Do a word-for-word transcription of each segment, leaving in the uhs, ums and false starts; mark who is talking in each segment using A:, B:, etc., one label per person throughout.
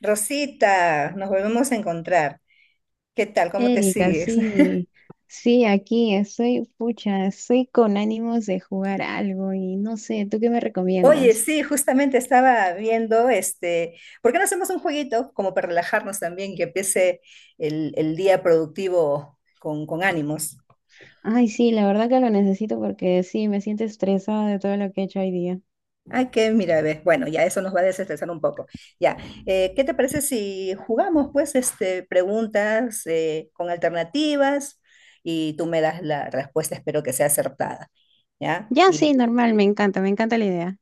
A: Rosita, nos volvemos a encontrar. ¿Qué tal? ¿Cómo te
B: Erika,
A: sigues?
B: sí, sí, aquí estoy, pucha, estoy con ánimos de jugar algo y no sé, ¿tú qué me
A: Oye,
B: recomiendas?
A: sí, justamente estaba viendo este, ¿por qué no hacemos un jueguito como para relajarnos también, que empiece el, el día productivo con, con ánimos?
B: Ay, sí, la verdad que lo necesito porque sí, me siento estresada de todo lo que he hecho hoy día.
A: Ay, que mira, ves, bueno, ya eso nos va a desestresar un poco. Ya, eh, ¿qué te parece si jugamos pues este, preguntas eh, con alternativas y tú me das la respuesta, espero que sea acertada, ¿ya?
B: Ya, sí, normal, me encanta, me encanta la idea.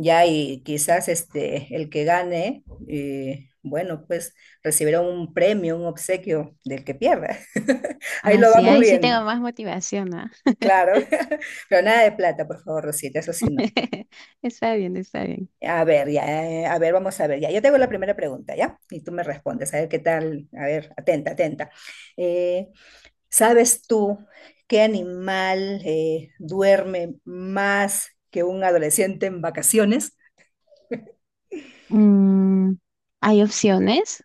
A: Ya, y quizás este, el que gane, eh, bueno, pues recibirá un premio, un obsequio del que pierda. Ahí
B: Ah,
A: lo
B: sí,
A: vamos
B: ahí sí tengo
A: viendo,
B: más motivación, ¿ah?
A: claro. Pero nada de plata, por favor, Rosita, eso sí no.
B: Está bien, está bien.
A: A ver, ya, eh, a ver, vamos a ver, ya. Yo tengo la primera pregunta, ¿ya? Y tú me respondes, a ver qué tal, a ver, atenta, atenta. Eh, ¿sabes tú qué animal eh, duerme más que un adolescente en vacaciones?
B: Mm, ¿hay opciones?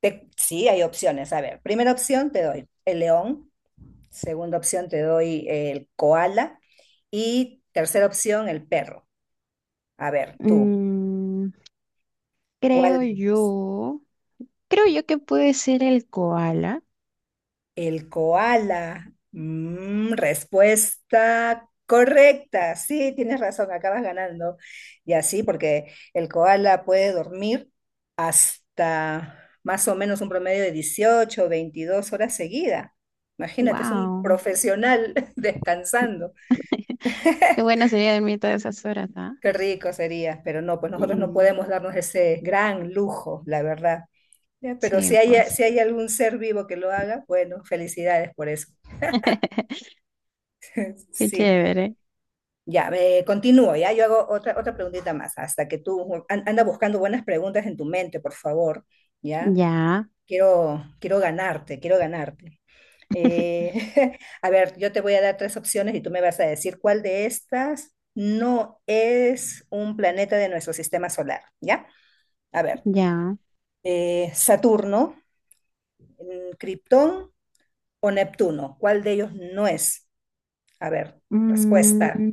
A: Te- sí, hay opciones. A ver, primera opción te doy el león, segunda opción te doy el koala y tercera opción el perro. A ver, tú,
B: Mm,
A: ¿cuál
B: creo
A: de ellos?
B: yo, creo yo que puede ser el koala.
A: El koala. Mm, respuesta correcta. Sí, tienes razón, acabas ganando. Y así, porque el koala puede dormir hasta más o menos un promedio de dieciocho o veintidós horas seguidas. Imagínate, es un
B: Wow.
A: profesional descansando.
B: Qué bueno sería dormir todas esas horas, ¿ah?
A: Qué rico sería, pero no, pues nosotros no
B: Mm,
A: podemos darnos ese gran lujo, la verdad. Ya, pero
B: sí,
A: si hay,
B: pues.
A: si hay algún ser vivo que lo haga, bueno, felicidades por eso.
B: Qué
A: Sí,
B: chévere.
A: ya, me continúo. Ya, yo hago otra, otra preguntita más, hasta que tú an- anda buscando buenas preguntas en tu mente, por favor, ya.
B: Ya,
A: Quiero, quiero ganarte, quiero ganarte. Eh, a ver, yo te voy a dar tres opciones y tú me vas a decir cuál de estas no es un planeta de nuestro sistema solar, ¿ya? A ver,
B: ya.
A: eh, Saturno, Krypton o Neptuno. ¿Cuál de ellos no es? A ver,
B: Mm,
A: respuesta.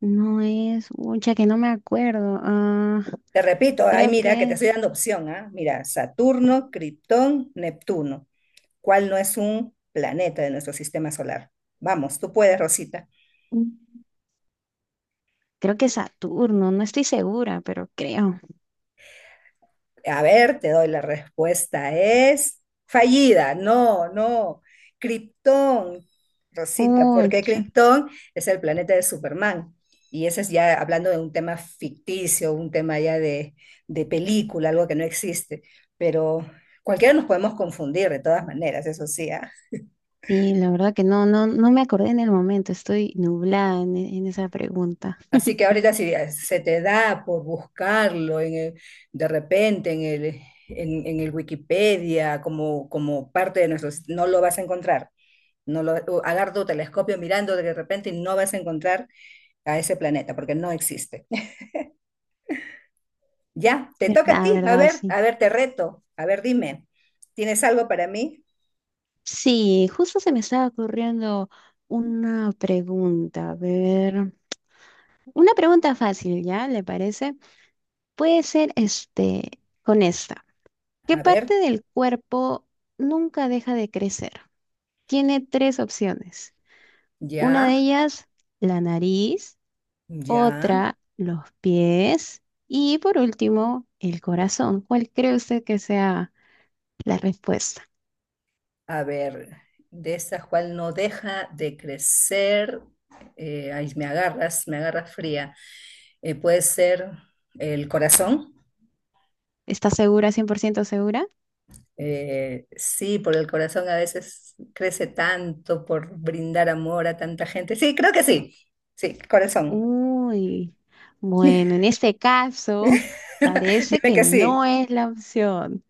B: no es, mucha que no me acuerdo. Ah,
A: Te repito, ay,
B: creo
A: mira, que te
B: que,
A: estoy dando opción, ¿ah? Mira, Saturno, Krypton, Neptuno. ¿Cuál no es un planeta de nuestro sistema solar? Vamos, tú puedes, Rosita.
B: creo que Saturno, no estoy segura, pero creo.
A: A ver, te doy la respuesta. Es fallida. No, no. Krypton, Rosita, porque
B: Pucha.
A: Krypton es el planeta de Superman. Y ese es ya hablando de un tema ficticio, un tema ya de, de película, algo que no existe. Pero cualquiera nos podemos confundir de todas maneras, eso sí, ¿ah?
B: Y la verdad que no, no, no me acordé en el momento, estoy nublada en, e- en esa pregunta.
A: Así que ahorita si se te da por buscarlo en el- de repente en el, en, en el Wikipedia como, como parte de nuestros, no lo vas a encontrar. No lo, Agarra tu telescopio mirando de repente y no vas a encontrar a ese planeta porque no existe. Ya, te toca a
B: ¿Verdad,
A: ti. A
B: verdad?
A: ver,
B: Sí.
A: a ver, te reto. A ver, dime, ¿tienes algo para mí?
B: Sí, justo se me estaba ocurriendo una pregunta, a ver, una pregunta fácil, ¿ya? ¿Le parece? Puede ser este, con esta. ¿Qué
A: A ver,
B: parte del cuerpo nunca deja de crecer? Tiene tres opciones. Una de
A: ya,
B: ellas, la nariz,
A: ya.
B: otra, los pies y por último, el corazón. ¿Cuál cree usted que sea la respuesta?
A: A ver, de esa cual no deja de crecer. Eh, ahí me agarras, me agarras fría. Eh, puede ser el corazón.
B: ¿Está segura, cien por ciento segura?
A: Eh, sí, por el corazón a veces crece tanto por brindar amor a tanta gente. Sí, creo que sí. Sí, corazón.
B: Uy, bueno, en este caso parece
A: Dime
B: que
A: que sí.
B: no es la opción.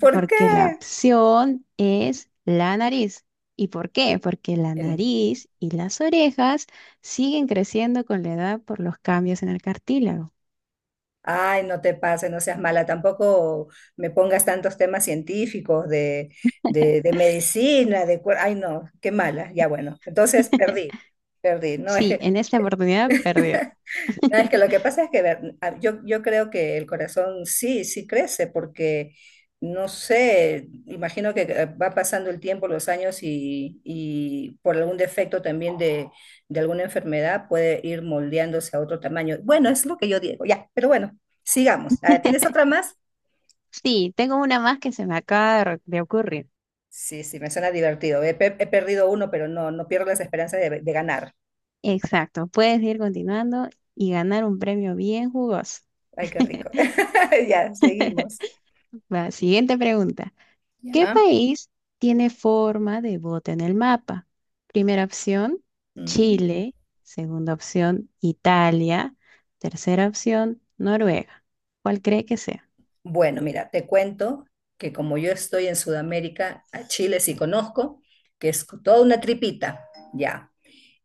A: ¿Por qué?
B: Porque la opción es la nariz. ¿Y por qué? Porque la
A: Eh,
B: nariz y las orejas siguen creciendo con la edad por los cambios en el cartílago.
A: Ay, no te pases, no seas mala. Tampoco me pongas tantos temas científicos de, de, de medicina, de... cuer- ay, no, qué mala. Ya bueno, entonces perdí, perdí. No es
B: Sí,
A: que...
B: en esta oportunidad perdió.
A: Ah, es que lo que pasa es que ver, a- yo, yo creo que el corazón sí, sí crece, porque no sé, imagino que eh, va pasando el tiempo, los años y, y por algún defecto también de, de alguna enfermedad puede ir moldeándose a otro tamaño. Bueno, es lo que yo digo, ya, pero bueno, sigamos. A ver, ¿tienes otra más?
B: Sí, tengo una más que se me acaba de de ocurrir.
A: Sí, sí, me suena divertido. He, pe- he perdido uno, pero no, no pierdo las esperanzas de, de ganar.
B: Exacto, puedes ir continuando y ganar un premio bien jugoso.
A: Ay, qué rico. Ya, seguimos.
B: Va, siguiente pregunta. ¿Qué
A: Ya.
B: país tiene forma de bote en el mapa? Primera opción,
A: Mm.
B: Chile. Segunda opción, Italia. Tercera opción, Noruega. ¿Cuál cree que sea?
A: Bueno, mira, te cuento que como yo estoy en Sudamérica, a Chile sí conozco, que es toda una tripita, ya.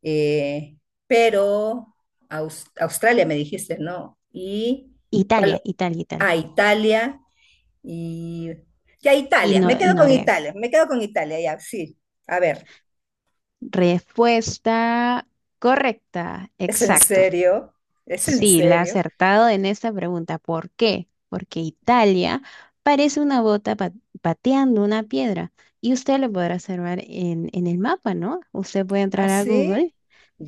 A: Eh, pero Aus- Australia me dijiste, ¿no? Y ¿cuál?
B: Italia, Italia, Italia.
A: Ah, Italia y ya
B: Y,
A: Italia, me
B: no, y
A: quedo con
B: Noruega.
A: Italia, me quedo con Italia, ya, sí. A ver,
B: Respuesta correcta,
A: ¿es en
B: exacto.
A: serio? ¿Es en
B: Sí, la ha
A: serio?
B: acertado en esta pregunta. ¿Por qué? Porque Italia parece una bota pa- pateando una piedra y usted lo podrá observar en, en el mapa, ¿no? Usted puede entrar a
A: ¿Así?
B: Google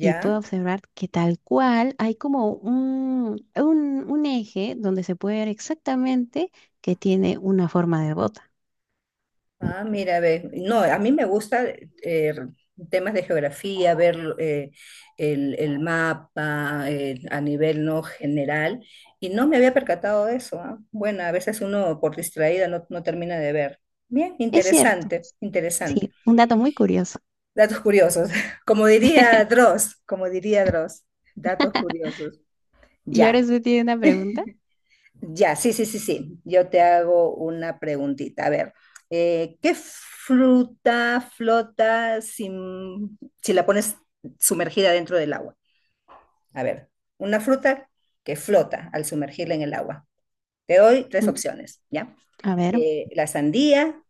B: y puede observar que tal cual hay como un, un, un eje donde se puede ver exactamente que tiene una forma de bota.
A: Ah, mira, ve, no, a mí me gusta eh, temas de geografía, ver eh, el, el mapa eh, a nivel no general, y no me había percatado de eso, ah. Bueno, a veces uno por distraída no, no termina de ver. Bien,
B: Es cierto.
A: interesante, interesante.
B: Sí, un dato muy curioso.
A: Datos curiosos, como diría Dross, como diría Dross, datos curiosos.
B: ¿Y ahora
A: Ya.
B: usted tiene una pregunta?
A: Ya, sí, sí, sí, sí. Yo te hago una preguntita. A ver, eh, ¿qué fruta flota sin- si la pones sumergida dentro del agua? A ver, una fruta que flota al sumergirla en el agua. Te doy tres
B: Mm,
A: opciones, ¿ya?
B: A ver.
A: Eh, la sandía,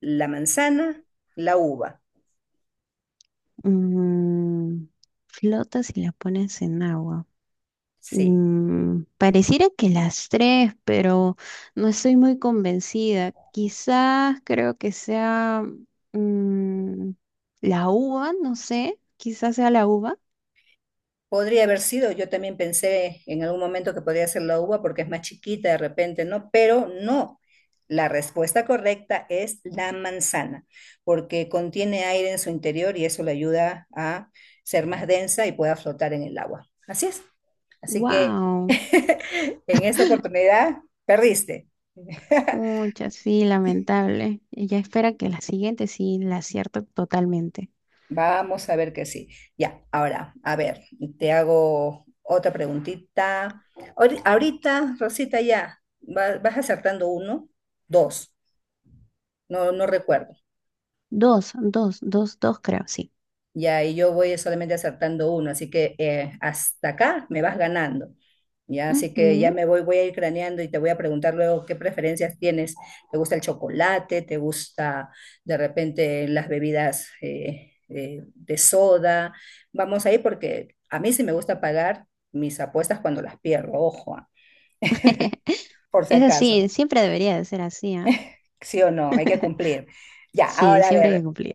A: la manzana, la uva.
B: Mm, flota si la pones en agua.
A: Sí.
B: Mm, pareciera que las tres, pero no estoy muy convencida. Quizás creo que sea mm, la uva, no sé. Quizás sea la uva.
A: Podría haber sido, yo también pensé en algún momento que podría ser la uva porque es más chiquita de repente, ¿no? Pero no, la respuesta correcta es la manzana, porque contiene aire en su interior y eso le ayuda a ser más densa y pueda flotar en el agua. Así es. Así que
B: Wow,
A: en esta oportunidad perdiste.
B: mucha, sí, lamentable. Ella espera que la siguiente sí la acierto totalmente.
A: Vamos a ver que sí. Ya, ahora, a ver, te hago otra preguntita. Ahori- Ahorita, Rosita, ya, va- vas acertando uno, dos, no, no recuerdo.
B: Dos, dos, dos, dos, creo, sí.
A: Y ahí yo voy solamente acertando uno, así que eh, hasta acá me vas ganando. Ya, así que ya
B: Ujú.
A: me voy, voy a ir craneando y te voy a preguntar luego qué preferencias tienes. ¿Te gusta el chocolate? ¿Te gusta de repente las bebidas eh, eh, de soda? Vamos ahí porque a mí sí me gusta pagar mis apuestas cuando las pierdo, ojo, ah, por si
B: Es
A: acaso.
B: así, siempre debería de ser así, ¿ah?
A: Sí o no, hay que cumplir. Ya,
B: Sí,
A: ahora a
B: siempre hay
A: ver,
B: que cumplir.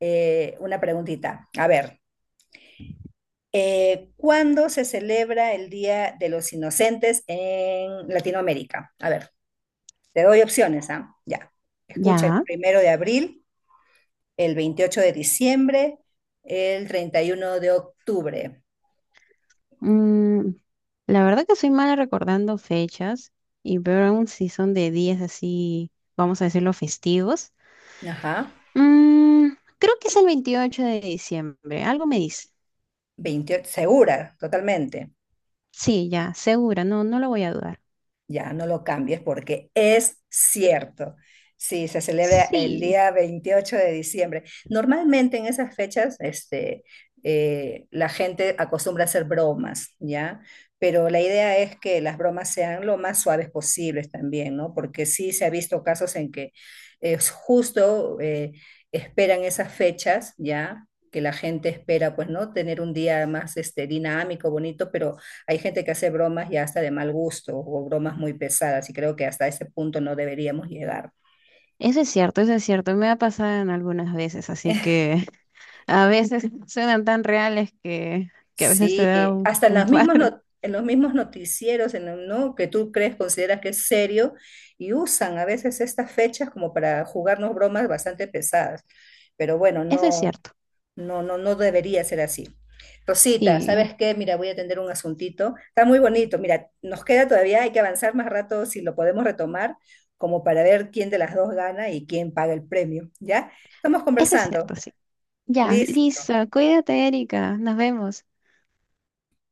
A: eh, una preguntita. A ver, Eh, ¿cuándo se celebra el Día de los Inocentes en Latinoamérica? A ver, te doy opciones, ¿ah? Ya. Escucha el
B: Ya.
A: primero de abril, el veintiocho de diciembre, el treinta y uno de octubre.
B: mm, la verdad que soy mala recordando fechas y peor aún si son de días así, vamos a decirlo, festivos.
A: Ajá.
B: Mm, creo que es el veintiocho de diciembre, algo me dice.
A: Veintiocho, segura, totalmente.
B: Sí, ya, segura, no, no lo voy a dudar.
A: Ya, no lo cambies porque es cierto. Sí, se celebra el
B: Sí,
A: día veintiocho de diciembre. Normalmente en esas fechas, este, eh, la gente acostumbra a hacer bromas, ¿ya? Pero la idea es que las bromas sean lo más suaves posibles también, ¿no? Porque sí se ha visto casos en que es justo eh, esperan esas fechas, ¿ya? Que la gente espera, pues, ¿no? Tener un día más este, dinámico, bonito, pero hay gente que hace bromas ya hasta de mal gusto o bromas muy pesadas y creo que hasta ese punto no deberíamos llegar.
B: eso es cierto, eso es cierto, me ha pasado en algunas veces, así que a veces suenan tan reales que, que a veces te
A: Sí,
B: da un,
A: hasta en
B: un
A: las mismas
B: paro.
A: no- en los mismos noticieros, en el- ¿no? Que tú crees, consideras que es serio, y usan a veces estas fechas como para jugarnos bromas bastante pesadas. Pero bueno,
B: Eso es
A: no.
B: cierto,
A: No, no, no debería ser así. Rosita,
B: sí,
A: ¿sabes qué? Mira, voy a atender un asuntito. Está muy bonito. Mira, nos queda todavía, hay que avanzar más rato si lo podemos retomar, como para ver quién de las dos gana y quién paga el premio. ¿Ya? Estamos
B: eso es
A: conversando.
B: cierto, sí. Ya,
A: Listo.
B: listo. Cuídate, Erika. Nos vemos.